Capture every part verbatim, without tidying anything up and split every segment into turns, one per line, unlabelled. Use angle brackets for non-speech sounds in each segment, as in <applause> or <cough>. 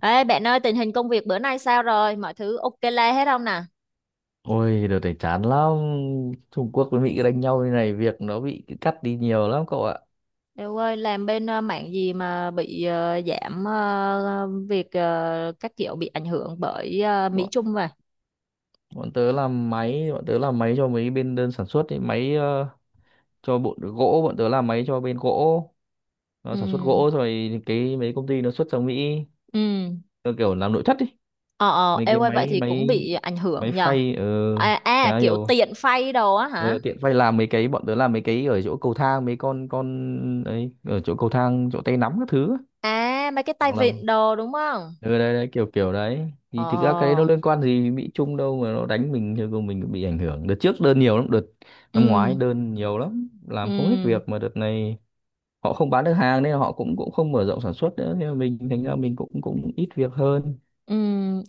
Ê bạn ơi, tình hình công việc bữa nay sao rồi? Mọi thứ ok la hết không nè?
Ôi, đợt này chán lắm. Trung Quốc với Mỹ đánh nhau như này, việc nó bị cắt đi nhiều lắm cậu ạ.
Đều ơi làm bên ờ, mảng gì mà bị ờ, giảm ờ, việc ờ, các kiểu bị ảnh hưởng bởi ờ, Mỹ
Bọn,
Trung vậy?
bọn tớ làm máy, bọn tớ làm máy cho mấy bên đơn sản xuất, ấy, máy ờ, cho bộ gỗ, bọn tớ làm máy cho bên gỗ. Nó sản xuất
Ừ.
gỗ rồi cái mấy công ty nó xuất sang Mỹ,
Ừ.
nó kiểu làm nội thất đi.
Ờ ờ
Mấy
ê
cái
ơi vậy
máy
thì cũng
máy
bị ảnh
máy
hưởng nhờ.
phay ờ
À, à
chả
kiểu
hiểu.
tiện phay đồ á hả?
Ờ, tiện phay làm mấy cái bọn tớ làm mấy cái ở chỗ cầu thang mấy con con ấy, ở chỗ cầu thang chỗ tay nắm các thứ ấy.
À, mấy cái
Hoặc
tay
là
vịn đồ đúng không?
ừ đấy, đấy kiểu kiểu đấy thì thực ra cái đấy
Ờ.
nó liên quan gì đến Mỹ Trung đâu, mà nó đánh mình thì của mình bị ảnh hưởng. Đợt trước đơn nhiều lắm, đợt
Ừ.
năm ngoái đơn nhiều lắm, làm không hết
Ừ.
việc, mà đợt này họ không bán được hàng nên họ cũng cũng không mở rộng sản xuất nữa nên là mình thành ra mình cũng cũng ít việc hơn.
Ừ.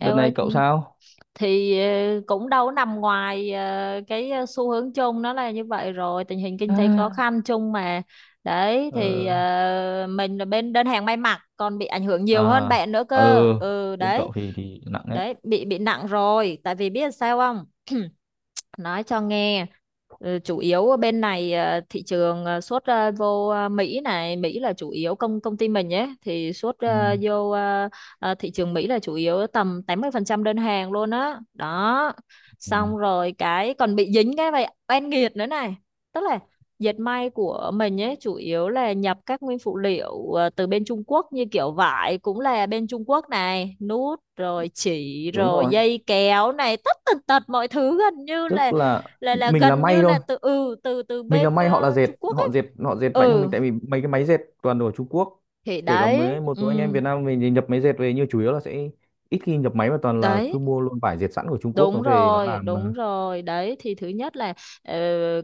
Ê ơi,
này cậu sao?
thì ờ, cũng đâu có nằm ngoài ờ, cái ờ, xu hướng chung, nó là như vậy rồi, tình hình kinh tế khó
À.
khăn chung mà. Đấy thì
ờ
ờ, mình là bên đơn hàng may mặc còn bị ảnh hưởng nhiều hơn
À.
bạn nữa
ờ
cơ. Ừ
Bên
đấy.
cậu thì thì nặng đấy.
Đấy, bị bị nặng rồi, tại vì biết sao không, nói cho nghe. Ừ, chủ yếu ở bên này ờ, thị trường ờ, xuất ờ, vô ờ, Mỹ này, Mỹ là chủ yếu, công công ty mình nhé thì xuất
Ừ.
ờ, vô, ờ, ờ, thị trường Mỹ là chủ yếu, tầm tám mươi phần trăm đơn hàng luôn á đó.
Ừ.
Xong rồi cái còn bị dính cái vậy oan nghiệt nữa này, tức là dệt may của mình ấy chủ yếu là nhập các nguyên phụ liệu ờ, từ bên Trung Quốc, như kiểu vải cũng là bên Trung Quốc này, nút rồi chỉ
Đúng
rồi
rồi,
dây kéo này, tất tần tật mọi thứ gần như là
tức là
là là
mình là
gần
may
như
thôi,
là từ ừ từ từ
mình là
bên
may, họ là
ờ, Trung
dệt,
Quốc
họ
ấy.
dệt họ dệt mạnh hơn
Ừ,
mình tại vì mấy cái máy dệt toàn đồ ở Trung Quốc.
thì
Kể cả
đấy,
mấy một số anh
ừ.
em Việt Nam mình thì nhập máy dệt về nhưng chủ yếu là sẽ ít khi nhập máy mà toàn là cứ
Đấy.
mua luôn vải dệt sẵn của Trung Quốc nó
Đúng
về nó
rồi,
làm
đúng
mà.
rồi. Đấy thì thứ nhất là ờ,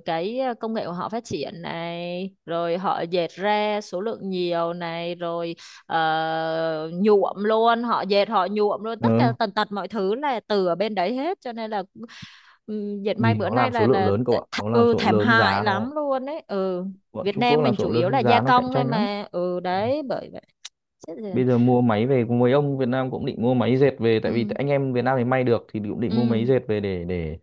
cái ờ, công nghệ của họ phát triển này, rồi họ dệt ra số lượng nhiều này, rồi ờ, nhuộm luôn, họ dệt họ nhuộm luôn, tất cả
Ừ.
tần tật mọi thứ là từ ở bên đấy hết, cho nên là ừm, dệt may
Vì
bữa
nó
nay
làm số
là
lượng
là
lớn
th
cậu ạ, nó làm
ừ,
số lượng
thảm
lớn
hại
giá nó,
lắm luôn đấy. Ừ.
bọn
Việt
Trung Quốc
Nam
làm
mình chủ
số
yếu
lượng
là
lớn
gia
giá nó cạnh
công thôi
tranh lắm.
mà. Ừ đấy, bởi vậy. Chết rồi.
Bây giờ mua máy về, mấy ông Việt Nam cũng định mua máy dệt về tại vì
Ừ.
anh em Việt Nam thì may được thì cũng định mua
Ừ.
máy dệt về để để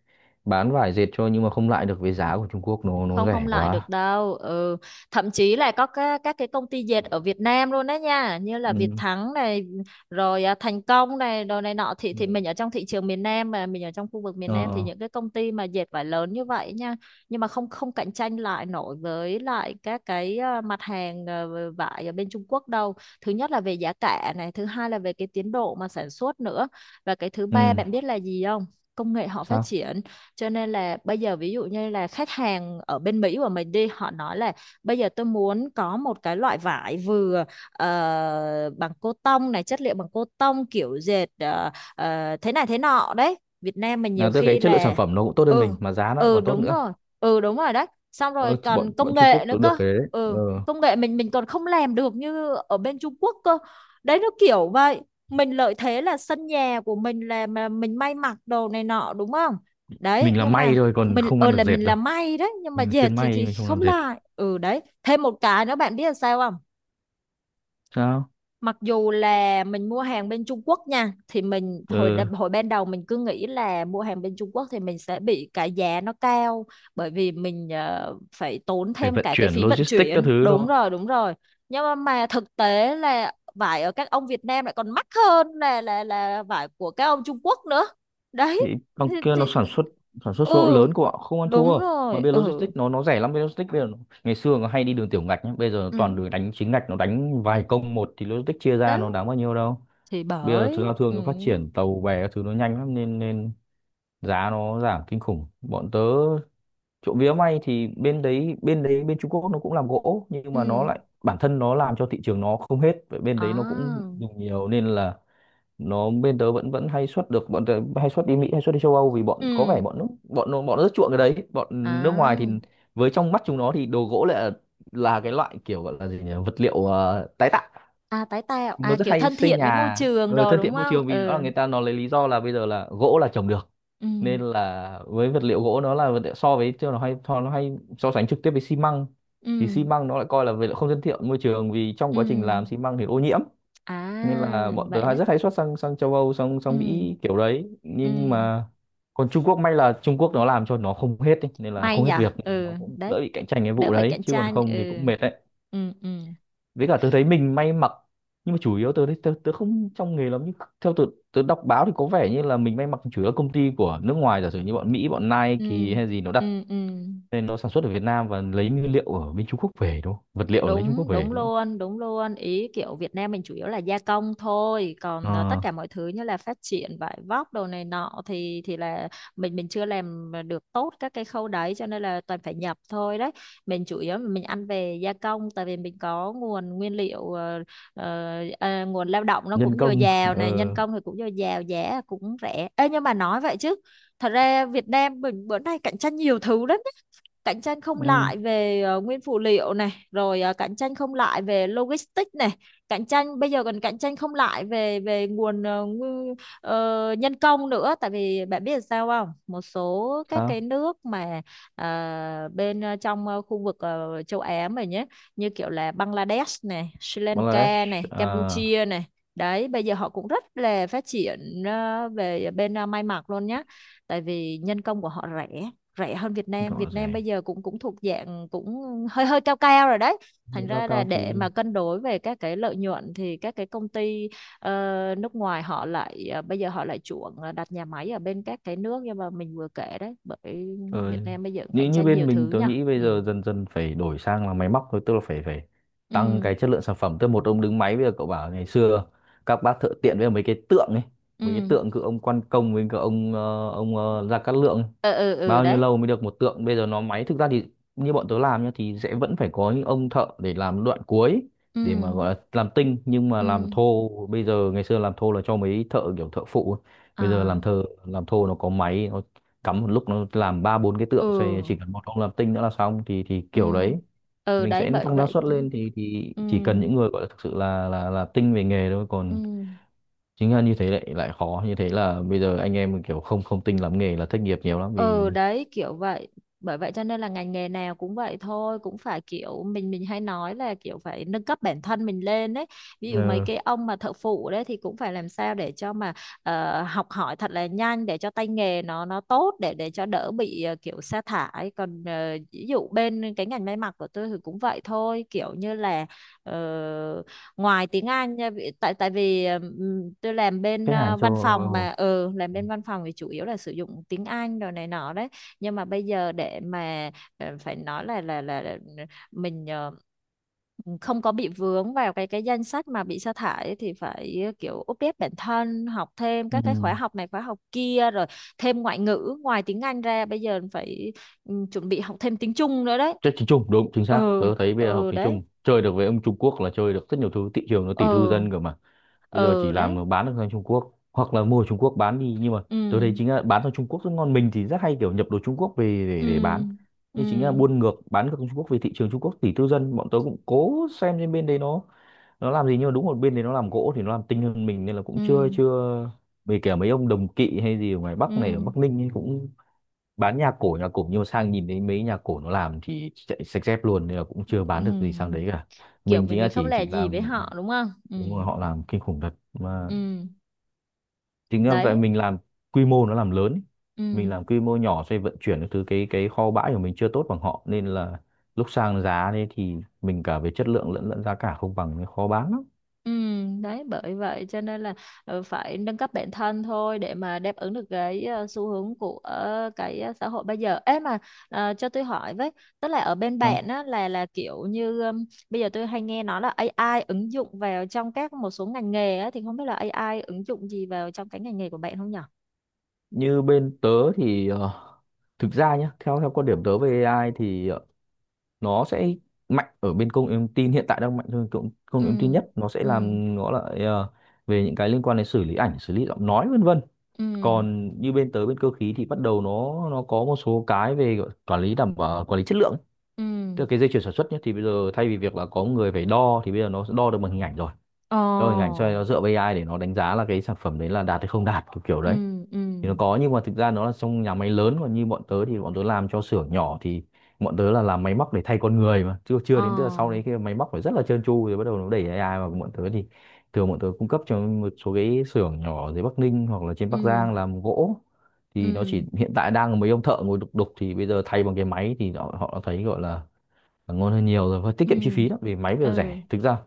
bán vải dệt cho, nhưng mà không lại được với giá của Trung Quốc, nó nó
không không
rẻ
lại được
quá.
đâu. Ừ. Thậm chí là có các các cái công ty dệt ở Việt Nam luôn đấy nha, như là Việt
Ừ.
Thắng này, rồi à, Thành Công này, đồ này nọ, thì thì
Ừ.
mình ở trong thị trường miền Nam, mà mình ở trong khu vực miền Nam thì
Ờ.
những cái công ty mà dệt vải lớn như vậy nha, nhưng mà không không cạnh tranh lại nổi với lại các cái à, mặt hàng, à, vải ở bên Trung Quốc đâu. Thứ nhất là về giá cả này, thứ hai là về cái tiến độ mà sản xuất nữa, và cái thứ
Ừ,
ba bạn biết là gì không? Công nghệ họ phát
sao?
triển, cho nên là bây giờ ví dụ như là khách hàng ở bên Mỹ của mình đi, họ nói là bây giờ tôi muốn có một cái loại vải vừa ờ, bằng cô tông này, chất liệu bằng cô tông, kiểu dệt ờ, ờ, thế này thế nọ đấy, Việt Nam mình nhiều
Là tức cái
khi
chất lượng sản
là.
phẩm nó cũng tốt hơn
Ừ.
mình mà giá nó lại
Ừ,
còn tốt
đúng
nữa.
rồi. Ừ, đúng rồi đấy. Xong rồi
Ờ,
còn
bọn
công
bọn Trung
nghệ
Quốc
nữa
được được
cơ.
cái đấy. Ờ.
Ừ, công nghệ mình mình còn không làm được như ở bên Trung Quốc cơ. Đấy nó kiểu vậy. Mình lợi thế là sân nhà của mình, là mà mình may mặc đồ này nọ đúng không, đấy,
Mình làm
nhưng
may
mà
thôi còn
mình
không
ờ
ăn được
là
dệt
mình
đâu.
làm may đấy, nhưng mà
Mình là
dệt
chuyên
thì thì
may, mình không
không
làm dệt.
lại. Ừ đấy, thêm một cái nữa bạn biết là sao không?
Sao?
Mặc dù là mình mua hàng bên Trung Quốc nha, thì mình hồi
Ờ,
đ- hồi ban đầu mình cứ nghĩ là mua hàng bên Trung Quốc thì mình sẽ bị cái giá nó cao, bởi vì mình ờ, phải tốn
phải
thêm
vận
cả cái
chuyển
phí vận
logistics các
chuyển.
thứ đúng
Đúng
không?
rồi, đúng rồi. Nhưng mà, mà thực tế là vải ở các ông Việt Nam lại còn mắc hơn là là là vải của các ông Trung Quốc nữa. Đấy
Thì bằng
thì,
kia nó
thì,
sản xuất sản xuất số lượng
ừ,
lớn của họ không ăn
đúng
thua. Mà
rồi.
bây giờ
Ừ.
logistics nó nó rẻ lắm, bây giờ logistics bây giờ nó, ngày xưa nó hay đi đường tiểu ngạch nhá, bây giờ nó toàn
Ừ
đường đánh chính ngạch, nó đánh vài công một thì logistics chia ra
đấy,
nó đáng bao nhiêu đâu.
thì
Bây giờ thứ
bởi.
giao thương
Ừ.
nó phát triển, tàu bè các thứ nó nhanh lắm nên nên giá nó giảm kinh khủng. Bọn tớ trộm vía may thì bên đấy bên đấy bên Trung Quốc nó cũng làm gỗ nhưng mà nó
Ừ.
lại bản thân nó làm cho thị trường nó không hết, vậy bên đấy nó cũng
À.
dùng nhiều nên là nó, bên tớ vẫn vẫn hay xuất được. Bọn tớ hay xuất đi Mỹ, hay xuất đi châu Âu vì
Ừ.
bọn, có vẻ bọn nước, bọn nó bọn nó rất chuộng cái đấy. Bọn nước ngoài thì
À,
với trong mắt chúng nó thì đồ gỗ lại là, là cái loại kiểu gọi là gì nhỉ, vật liệu ờ, tái tạo.
à tái tạo
Nó
à,
rất
kiểu
hay
thân
xây
thiện với môi
nhà,
trường
ờ,
đồ
thân
đúng
thiện môi
không.
trường vì rõ là
Ừ.
người ta nó lấy lý do là bây giờ là gỗ là trồng được,
Ừ.
nên là với vật liệu gỗ, nó là vật liệu so với, chứ nó hay so- nó hay so sánh trực tiếp với xi măng. Thì
Ừ.
xi măng nó lại coi là vật liệu không thân thiện môi trường vì trong
Ừ.
quá trình làm xi măng thì ô nhiễm. Nên là
À,
bọn tớ
vậy
hay
đấy.
rất hay xuất sang sang châu Âu sang
Ừ.
sang Mỹ kiểu đấy,
Ừ.
nhưng mà còn Trung Quốc, may là Trung Quốc nó làm cho nó không hết ý, nên là
May
không hết
nhở.
việc nên là nó
Ừ
cũng đỡ
đấy,
bị cạnh tranh cái
đỡ
vụ
phải
đấy,
cạnh
chứ còn
tranh.
không thì
Ừ.
cũng mệt đấy.
Ừ. Ừ.
Với cả tớ thấy mình may mặc, nhưng mà chủ yếu tớ thấy tớ, tớ không trong nghề lắm, nhưng theo tớ, tớ đọc báo thì có vẻ như là mình may mặc chủ yếu là công ty của nước ngoài, giả sử như bọn Mỹ, bọn
Ừ.
Nike hay gì nó đặt
Ừ. Ừ.
nên nó sản xuất ở Việt Nam và lấy nguyên liệu ở bên Trung Quốc về đúng không, vật liệu lấy Trung Quốc
Đúng,
về
đúng
đúng không?
luôn, đúng luôn. Ý kiểu Việt Nam mình chủ yếu là gia công thôi, còn à, tất
Ờ,
cả mọi thứ như là phát triển vải vóc đồ này nọ thì thì là mình mình chưa làm được tốt các cái khâu đấy, cho nên là toàn phải nhập thôi đấy. Mình chủ yếu mình ăn về gia công, tại vì mình có nguồn nguyên liệu ờ, ờ, à, nguồn lao động nó
nhân
cũng dồi
công.
dào
ờ
này, nhân công thì cũng dồi dào, giá cũng rẻ. Ê, nhưng mà nói vậy chứ, thật ra Việt Nam mình bữa nay cạnh tranh nhiều thứ lắm, cạnh tranh không
ừ,
lại về ờ, nguyên phụ liệu này, rồi ờ, cạnh tranh không lại về logistics này, cạnh tranh bây giờ còn cạnh tranh không lại về về nguồn ờ, ngu- ờ, nhân công nữa. Tại vì bạn biết là sao không, một số các cái
sao?
nước mà ờ, bên ờ, trong ờ, khu vực ờ, châu Á mình nhé, như kiểu là Bangladesh này, Sri Lanka
Bangladesh.
này,
ờ,
Campuchia này đấy, bây giờ họ cũng rất là phát triển ờ, về ờ, bên ờ, may mặc luôn nhé, tại vì nhân công của họ rẻ rẻ hơn Việt
cái
Nam
cậu là
Việt
gì?
Nam bây giờ cũng cũng thuộc dạng cũng hơi hơi cao cao rồi đấy. Thành
Nâng cao
ra là
cao thì.
để mà cân đối về các cái lợi nhuận thì các cái công ty ờ, nước ngoài họ lại ờ, bây giờ họ lại chuộng ờ, đặt nhà máy ở bên các cái nước nhưng mà mình vừa kể đấy, bởi
Ờ,
Việt Nam bây giờ cũng cạnh
như như
tranh
bên
nhiều thứ
mình tớ
nha.
nghĩ bây
Ừ.
giờ dần dần phải đổi sang là máy móc thôi, tức là phải phải tăng
Ừ.
cái chất lượng sản phẩm, tức là một ông đứng máy. Bây giờ cậu bảo ngày xưa các bác thợ tiện với mấy cái tượng ấy, mấy cái
Ừ.
tượng cứ ông Quan Công với cả ông ờ, ông ờ, Gia Cát Lượng ấy.
Ừ. Ừ, ừ
Bao nhiêu
đấy.
lâu mới được một tượng, bây giờ nó máy thực ra thì như bọn tớ làm nhá thì sẽ vẫn phải có những ông thợ để làm đoạn cuối,
Ừ.
để mà gọi là làm tinh. Nhưng mà
Ừ.
làm thô bây giờ, ngày xưa làm thô là cho mấy thợ kiểu thợ phụ ấy. Bây giờ
À.
làm thợ làm thô nó có máy, nó cắm một lúc nó làm ba bốn cái
Ừ.
tượng xoay, chỉ cần một ông làm tinh nữa là xong, thì thì
Ừ.
kiểu đấy.
Ừ
Mình
đấy,
sẽ
bởi
tăng năng
vậy.
suất lên thì thì
Ừ.
chỉ cần những người gọi là thực sự là là là tinh về nghề thôi,
Ừ.
còn chính là như thế lại lại khó, như thế là bây giờ anh em kiểu không không tinh lắm nghề là thất nghiệp nhiều lắm vì
Ừ đấy, kiểu vậy. Bởi vậy cho nên là ngành nghề nào cũng vậy thôi, cũng phải kiểu, mình mình hay nói là kiểu phải nâng cấp bản thân mình lên đấy. Ví dụ mấy
ờ,
cái ông mà thợ phụ đấy thì cũng phải làm sao để cho mà ờ, học hỏi thật là nhanh, để cho tay nghề nó nó tốt, để để cho đỡ bị ờ, kiểu sa thải. Còn ờ, ví dụ bên cái ngành may mặc của tôi thì cũng vậy thôi, kiểu như là ờ, ngoài tiếng Anh nha, vì- tại tại vì ờ, ừm, tôi làm bên
khách hàng
ờ,
cho.
văn phòng mà. Ừ, làm bên văn phòng thì chủ yếu là sử dụng tiếng Anh rồi này nọ đấy, nhưng mà bây giờ để mà ờ, phải nói là là là, là mình ờ, không có bị vướng vào cái cái danh sách mà bị sa thải ấy thì phải ờ, kiểu update bản thân, học thêm
Ừ.
các cái khóa học này khóa học kia, rồi thêm ngoại ngữ ngoài tiếng Anh ra, bây giờ phải, ừ, chuẩn bị học thêm tiếng Trung nữa đấy.
Chơi tiếng Trung đúng chính xác,
Ừ.
tớ thấy bây giờ học
Ừ
tiếng
đấy.
Trung chơi được với ông Trung Quốc là chơi được rất nhiều thứ, thị trường nó tỷ tư
Ừ.
dân cơ mà. Bây giờ
Ừ
chỉ làm
đấy.
nó bán được sang Trung Quốc hoặc là mua ở Trung Quốc bán đi, nhưng mà tớ thấy
Ừ.
chính là bán sang Trung Quốc rất ngon, mình thì rất hay kiểu nhập đồ Trung Quốc về để,
Ừ.
để bán,
Ừ.
nhưng chính là buôn ngược bán ngược sang Trung Quốc. Về thị trường Trung Quốc tỷ tư dân, bọn tớ cũng cố xem trên bên đấy nó nó làm gì, nhưng mà đúng một bên đấy nó làm gỗ thì nó làm tinh hơn mình nên là cũng
Ừ.
chưa chưa về. Kể mấy ông đồng kỵ hay gì ở ngoài Bắc này, ở
Ừ.
Bắc Ninh ấy, cũng bán nhà cổ, nhà cổ nhưng sang nhìn thấy mấy nhà cổ nó làm thì chạy sạch dép luôn, nên là cũng chưa bán được gì sang đấy
Ừ.
cả.
Kiểu
Mình
mình
chính là
mình không
chỉ
lẻ
chỉ
gì với
làm.
họ đúng không. Ừ.
Đúng rồi, họ làm kinh khủng thật mà.
Ừ
Chính là vậy,
đấy.
mình làm quy mô, nó làm lớn ý,
Ừ.
mình làm quy mô nhỏ, xoay vận chuyển các thứ, cái cái kho bãi của mình chưa tốt bằng họ nên là lúc sang giá đấy thì mình cả về chất lượng lẫn lẫn giá cả không bằng nên khó bán lắm.
Ừ đấy, bởi vậy cho nên là ờ, phải nâng cấp bản thân thôi để mà đáp ứng được cái ờ, xu hướng của ờ, cái ờ, xã hội bây giờ ấy mà. ờ, cho tôi hỏi với, tức là ở bên bạn
Đó.
á là là kiểu như ừm, bây giờ tôi hay nghe nói là a i ứng dụng vào trong các một số ngành nghề á thì không biết là a i ứng dụng gì vào trong cái ngành nghề của bạn không nhở.
Như bên tớ thì ờ, thực ra nhá, theo theo quan điểm tớ về a i thì ờ, nó sẽ mạnh ở bên công nghệ thông tin, hiện tại đang mạnh hơn công, công
Ừ.
nghệ thông tin nhất. Nó sẽ
Ừ.
làm nó lại ờ, về những cái liên quan đến xử lý ảnh, xử lý giọng nói vân vân.
Ừ.
Còn như bên tới bên cơ khí thì bắt đầu nó nó có một số cái về gọi- quản lý, đảm bảo quản lý chất lượng,
Ừ.
tức là cái dây chuyền sản xuất nhé thì bây giờ thay vì việc là có người phải đo thì bây giờ nó sẽ đo được bằng hình ảnh, rồi
Ờ.
đo hình ảnh cho nó, dựa vào a i để nó đánh giá là cái sản phẩm đấy là đạt hay không đạt kiểu kiểu đấy.
Ừ. Ừ.
Thì nó có nhưng mà thực ra nó là trong nhà máy lớn, còn như bọn tớ thì bọn tớ làm cho xưởng nhỏ, thì bọn tớ là làm máy móc để thay con người mà chưa chưa
Ờ.
đến, tức là sau đấy khi mà máy móc phải rất là trơn tru rồi bắt đầu nó đẩy a i vào. Bọn tớ thì thường bọn tớ cung cấp cho một số cái xưởng nhỏ ở dưới Bắc Ninh hoặc là trên Bắc
Ừ.
Giang làm gỗ, thì nó chỉ
Ừ.
hiện tại đang là mấy ông thợ ngồi đục đục, thì bây giờ thay bằng cái máy thì họ, họ đã thấy gọi là, là ngon hơn nhiều rồi và tiết
Ừ.
kiệm chi phí lắm vì máy bây giờ rẻ
Ừ.
thực ra.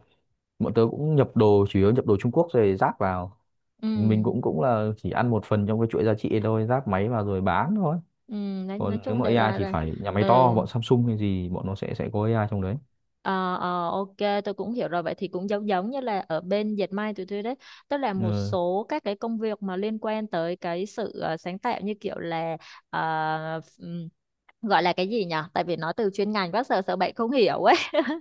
Bọn tớ cũng nhập đồ, chủ yếu nhập đồ Trung Quốc rồi ráp vào,
Ừ.
thì mình cũng cũng là chỉ ăn một phần trong cái chuỗi giá trị ấy thôi, ráp máy vào rồi bán thôi.
Ừ. nói,
Còn
nói
nếu
chung
mà
đại
a i
loại
thì
là.
phải nhà máy
Ừ.
to, bọn Samsung hay gì bọn nó sẽ sẽ có a i trong đấy.
Ờ, ờ, ok. Tôi cũng hiểu rồi, vậy thì cũng giống giống như là ở bên dệt may tụi tôi đấy, tức là một
Ừ.
số các cái công việc mà liên quan tới cái sự ờ, sáng tạo như kiểu là ờ, ừm, gọi là cái gì nhỉ, tại vì nó từ chuyên ngành, bác sợ sợ bạn không hiểu ấy,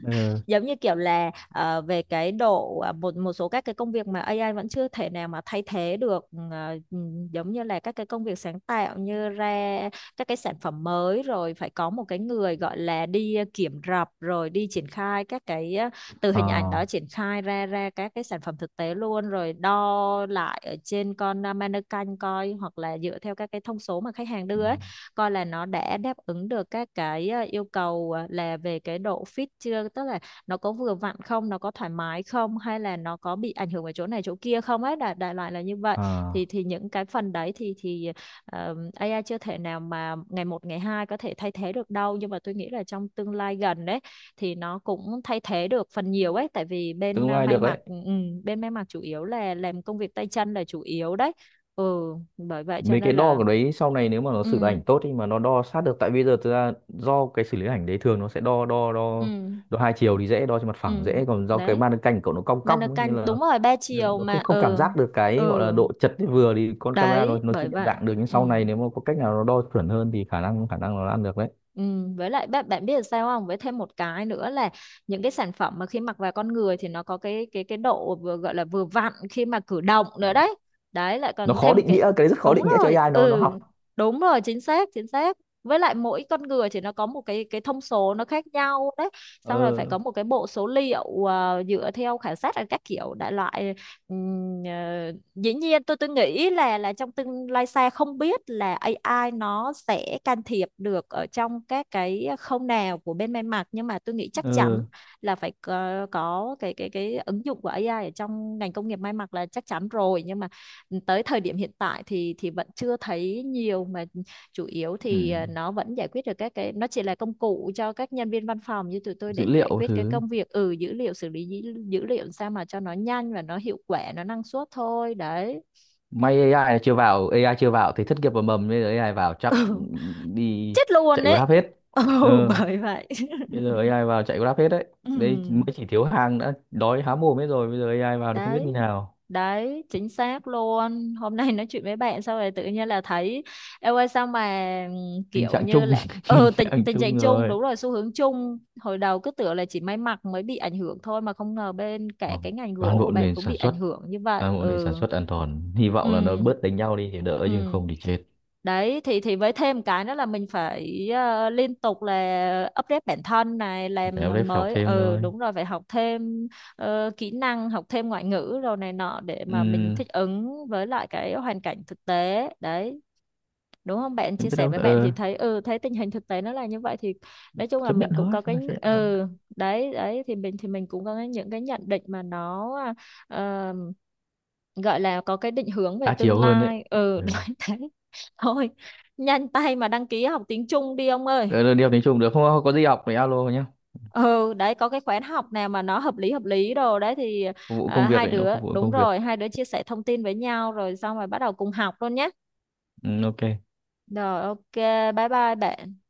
Ừ.
giống như kiểu là ờ, về cái độ à, một một số các cái công việc mà a i vẫn chưa thể nào mà thay thế được, ờ, ừ, giống như là các cái công việc sáng tạo như ra các cái sản phẩm mới, rồi phải có một cái người gọi là đi ờ, kiểm rập rồi đi triển khai các cái ờ, từ hình ảnh
À,
đó triển khai ra ra các cái sản phẩm thực tế luôn, rồi đo lại ở trên con ờ, mannequin coi, hoặc là dựa theo các cái thông số mà khách hàng đưa ấy coi Là nó đã đáp ứng được các cái ờ, yêu cầu, ờ, là về cái độ fit chưa, tức là nó có vừa vặn không, nó có thoải mái không, hay là nó có bị ảnh hưởng ở chỗ này chỗ kia không ấy, đại đại loại là như vậy. thì
à,
thì những cái phần đấy thì thì ờ, a i chưa thể nào mà ngày một ngày hai có thể thay thế được đâu, nhưng mà tôi nghĩ là trong tương lai gần đấy thì nó cũng thay thế được phần nhiều ấy, tại vì bên
tương
à,
lai
may
được đấy.
mặc. Ừ, ừ, bên may mặc chủ yếu là làm công việc tay chân là chủ yếu đấy. Ừ, bởi vậy cho
Mấy cái
nên
đo
là
của đấy sau này nếu mà nó xử lý
ừ,
ảnh tốt thì mà nó đo sát được, tại bây giờ thực ra do cái xử lý ảnh đấy thường nó sẽ đo đo
ừ,
đo đo hai chiều thì dễ, đo trên mặt
ừ,
phẳng dễ, còn do cái
đấy.
màn hình cảnh của cậu nó cong
Mà
cong
nó
ấy, nên
canh
là
đúng rồi, ba
được,
chiều
nó
mà.
không không cảm
Ừ.
giác được cái gọi là
Ừ.
độ chật thì vừa thì con camera nó
Đấy,
nó chưa
bởi
nhận
vậy.
dạng được. Nhưng sau
Ừ.
này nếu mà có cách nào nó đo chuẩn hơn thì khả năng khả năng nó ăn được đấy.
Ừ. Với lại bạn bạn biết là sao không? Với thêm một cái nữa là những cái sản phẩm mà khi mặc vào con người thì nó có cái cái cái độ vừa, gọi là vừa vặn khi mà cử động nữa đấy. Đấy lại
Nó
còn
khó
thêm
định nghĩa,
cái
cái đấy rất khó
đúng
định nghĩa cho
rồi.
a i nó nó
Ừ,
học.
đúng rồi, chính xác, chính xác. Với lại mỗi con người thì nó có một cái cái thông số nó khác nhau đấy. Xong rồi phải
ờ
có một cái bộ số liệu ờ, dựa theo khảo sát ở các kiểu đại loại. Ừ, dĩ nhiên tôi tôi nghĩ là là trong tương lai xa không biết là a i nó sẽ can thiệp được ở trong các cái khâu nào của bên may mặc, nhưng mà tôi nghĩ chắc chắn
ờ
là phải có, có cái cái cái ứng dụng của a i ở trong ngành công nghiệp may mặc là chắc chắn rồi. Nhưng mà tới thời điểm hiện tại thì thì vẫn chưa thấy nhiều, mà chủ yếu
ừ.
thì à, nó vẫn giải quyết được các cái, nó chỉ là công cụ cho các nhân viên văn phòng như tụi tôi
Dữ
để giải
liệu
quyết cái
thứ
công việc, ừ, dữ liệu, xử lý dữ, liệu sao mà cho nó nhanh và nó hiệu quả, nó năng suất thôi đấy.
may a i này chưa vào, a i chưa vào thì thất nghiệp và mầm, bây giờ a i vào chắc
Ừ,
đi
chết luôn
chạy
đấy.
Grab hết.
Ừ,
ờ
bởi vậy. <laughs>
Bây giờ a i vào chạy Grab hết đấy,
Ừ.
đây mới chỉ thiếu hàng đã đói há mồm hết rồi, bây giờ a i vào thì không biết như
Đấy
nào.
đấy, chính xác luôn, hôm nay nói chuyện với bạn xong rồi tự nhiên là thấy em ơi sao mà
Tình
kiểu
trạng
như
chung
là,
<laughs> tình
ừ, tình
trạng
tình trạng
chung
chung
rồi.
đúng rồi, xu hướng chung, hồi đầu cứ tưởng là chỉ may mặc mới bị ảnh hưởng thôi mà không ngờ bên cả
Vâng.
cái ngành
Toàn
gỗ của
bộ
bạn
nền
cũng bị
sản
ảnh
xuất,
hưởng như vậy.
Toàn bộ nền sản
Ừ.
xuất an toàn. Hy vọng là nó
Ừ.
bớt đánh nhau đi thì đỡ chứ
Ừ,
không thì chết.
đấy thì thì với thêm cái nữa là mình phải ờ, liên tục là update bản thân này,
Phải
làm
em đấy, học
mới,
thêm
ừ,
thôi.
đúng rồi, phải học thêm ờ, kỹ năng, học thêm ngoại ngữ rồi này nọ để mà mình
Ừm,
thích ứng với lại cái hoàn cảnh thực tế đấy, đúng không bạn.
em
Chia
biết
sẻ
đâu,
với bạn
ờ,
thì thấy, ừ, thấy tình hình thực tế nó là như vậy thì nói chung là
chấp nhận
mình cũng
thôi.
có
Ta
cái,
chấp nhận thôi.
ừ, đấy đấy thì mình thì mình cũng có cái- những cái nhận định mà nó ờ, gọi là có cái định hướng về
Đa
tương
chiều hơn đấy.
lai. Ừ,
Ừ.
<laughs> nói thế thôi, nhanh tay mà đăng ký học tiếng Trung đi ông ơi.
Ờ, đi học tiếng Trung được không? Có gì học thì alo nhé.
Ừ, đấy có cái khóa học nào mà nó hợp lý hợp lý đồ đấy thì,
Phục vụ
à,
công việc
hai
ấy, nó
đứa
phục vụ
đúng
công việc.
rồi, hai đứa chia sẻ thông tin với nhau rồi xong rồi bắt đầu cùng học luôn nhé.
Ừ, ok.
Rồi, ok, bye bye bạn.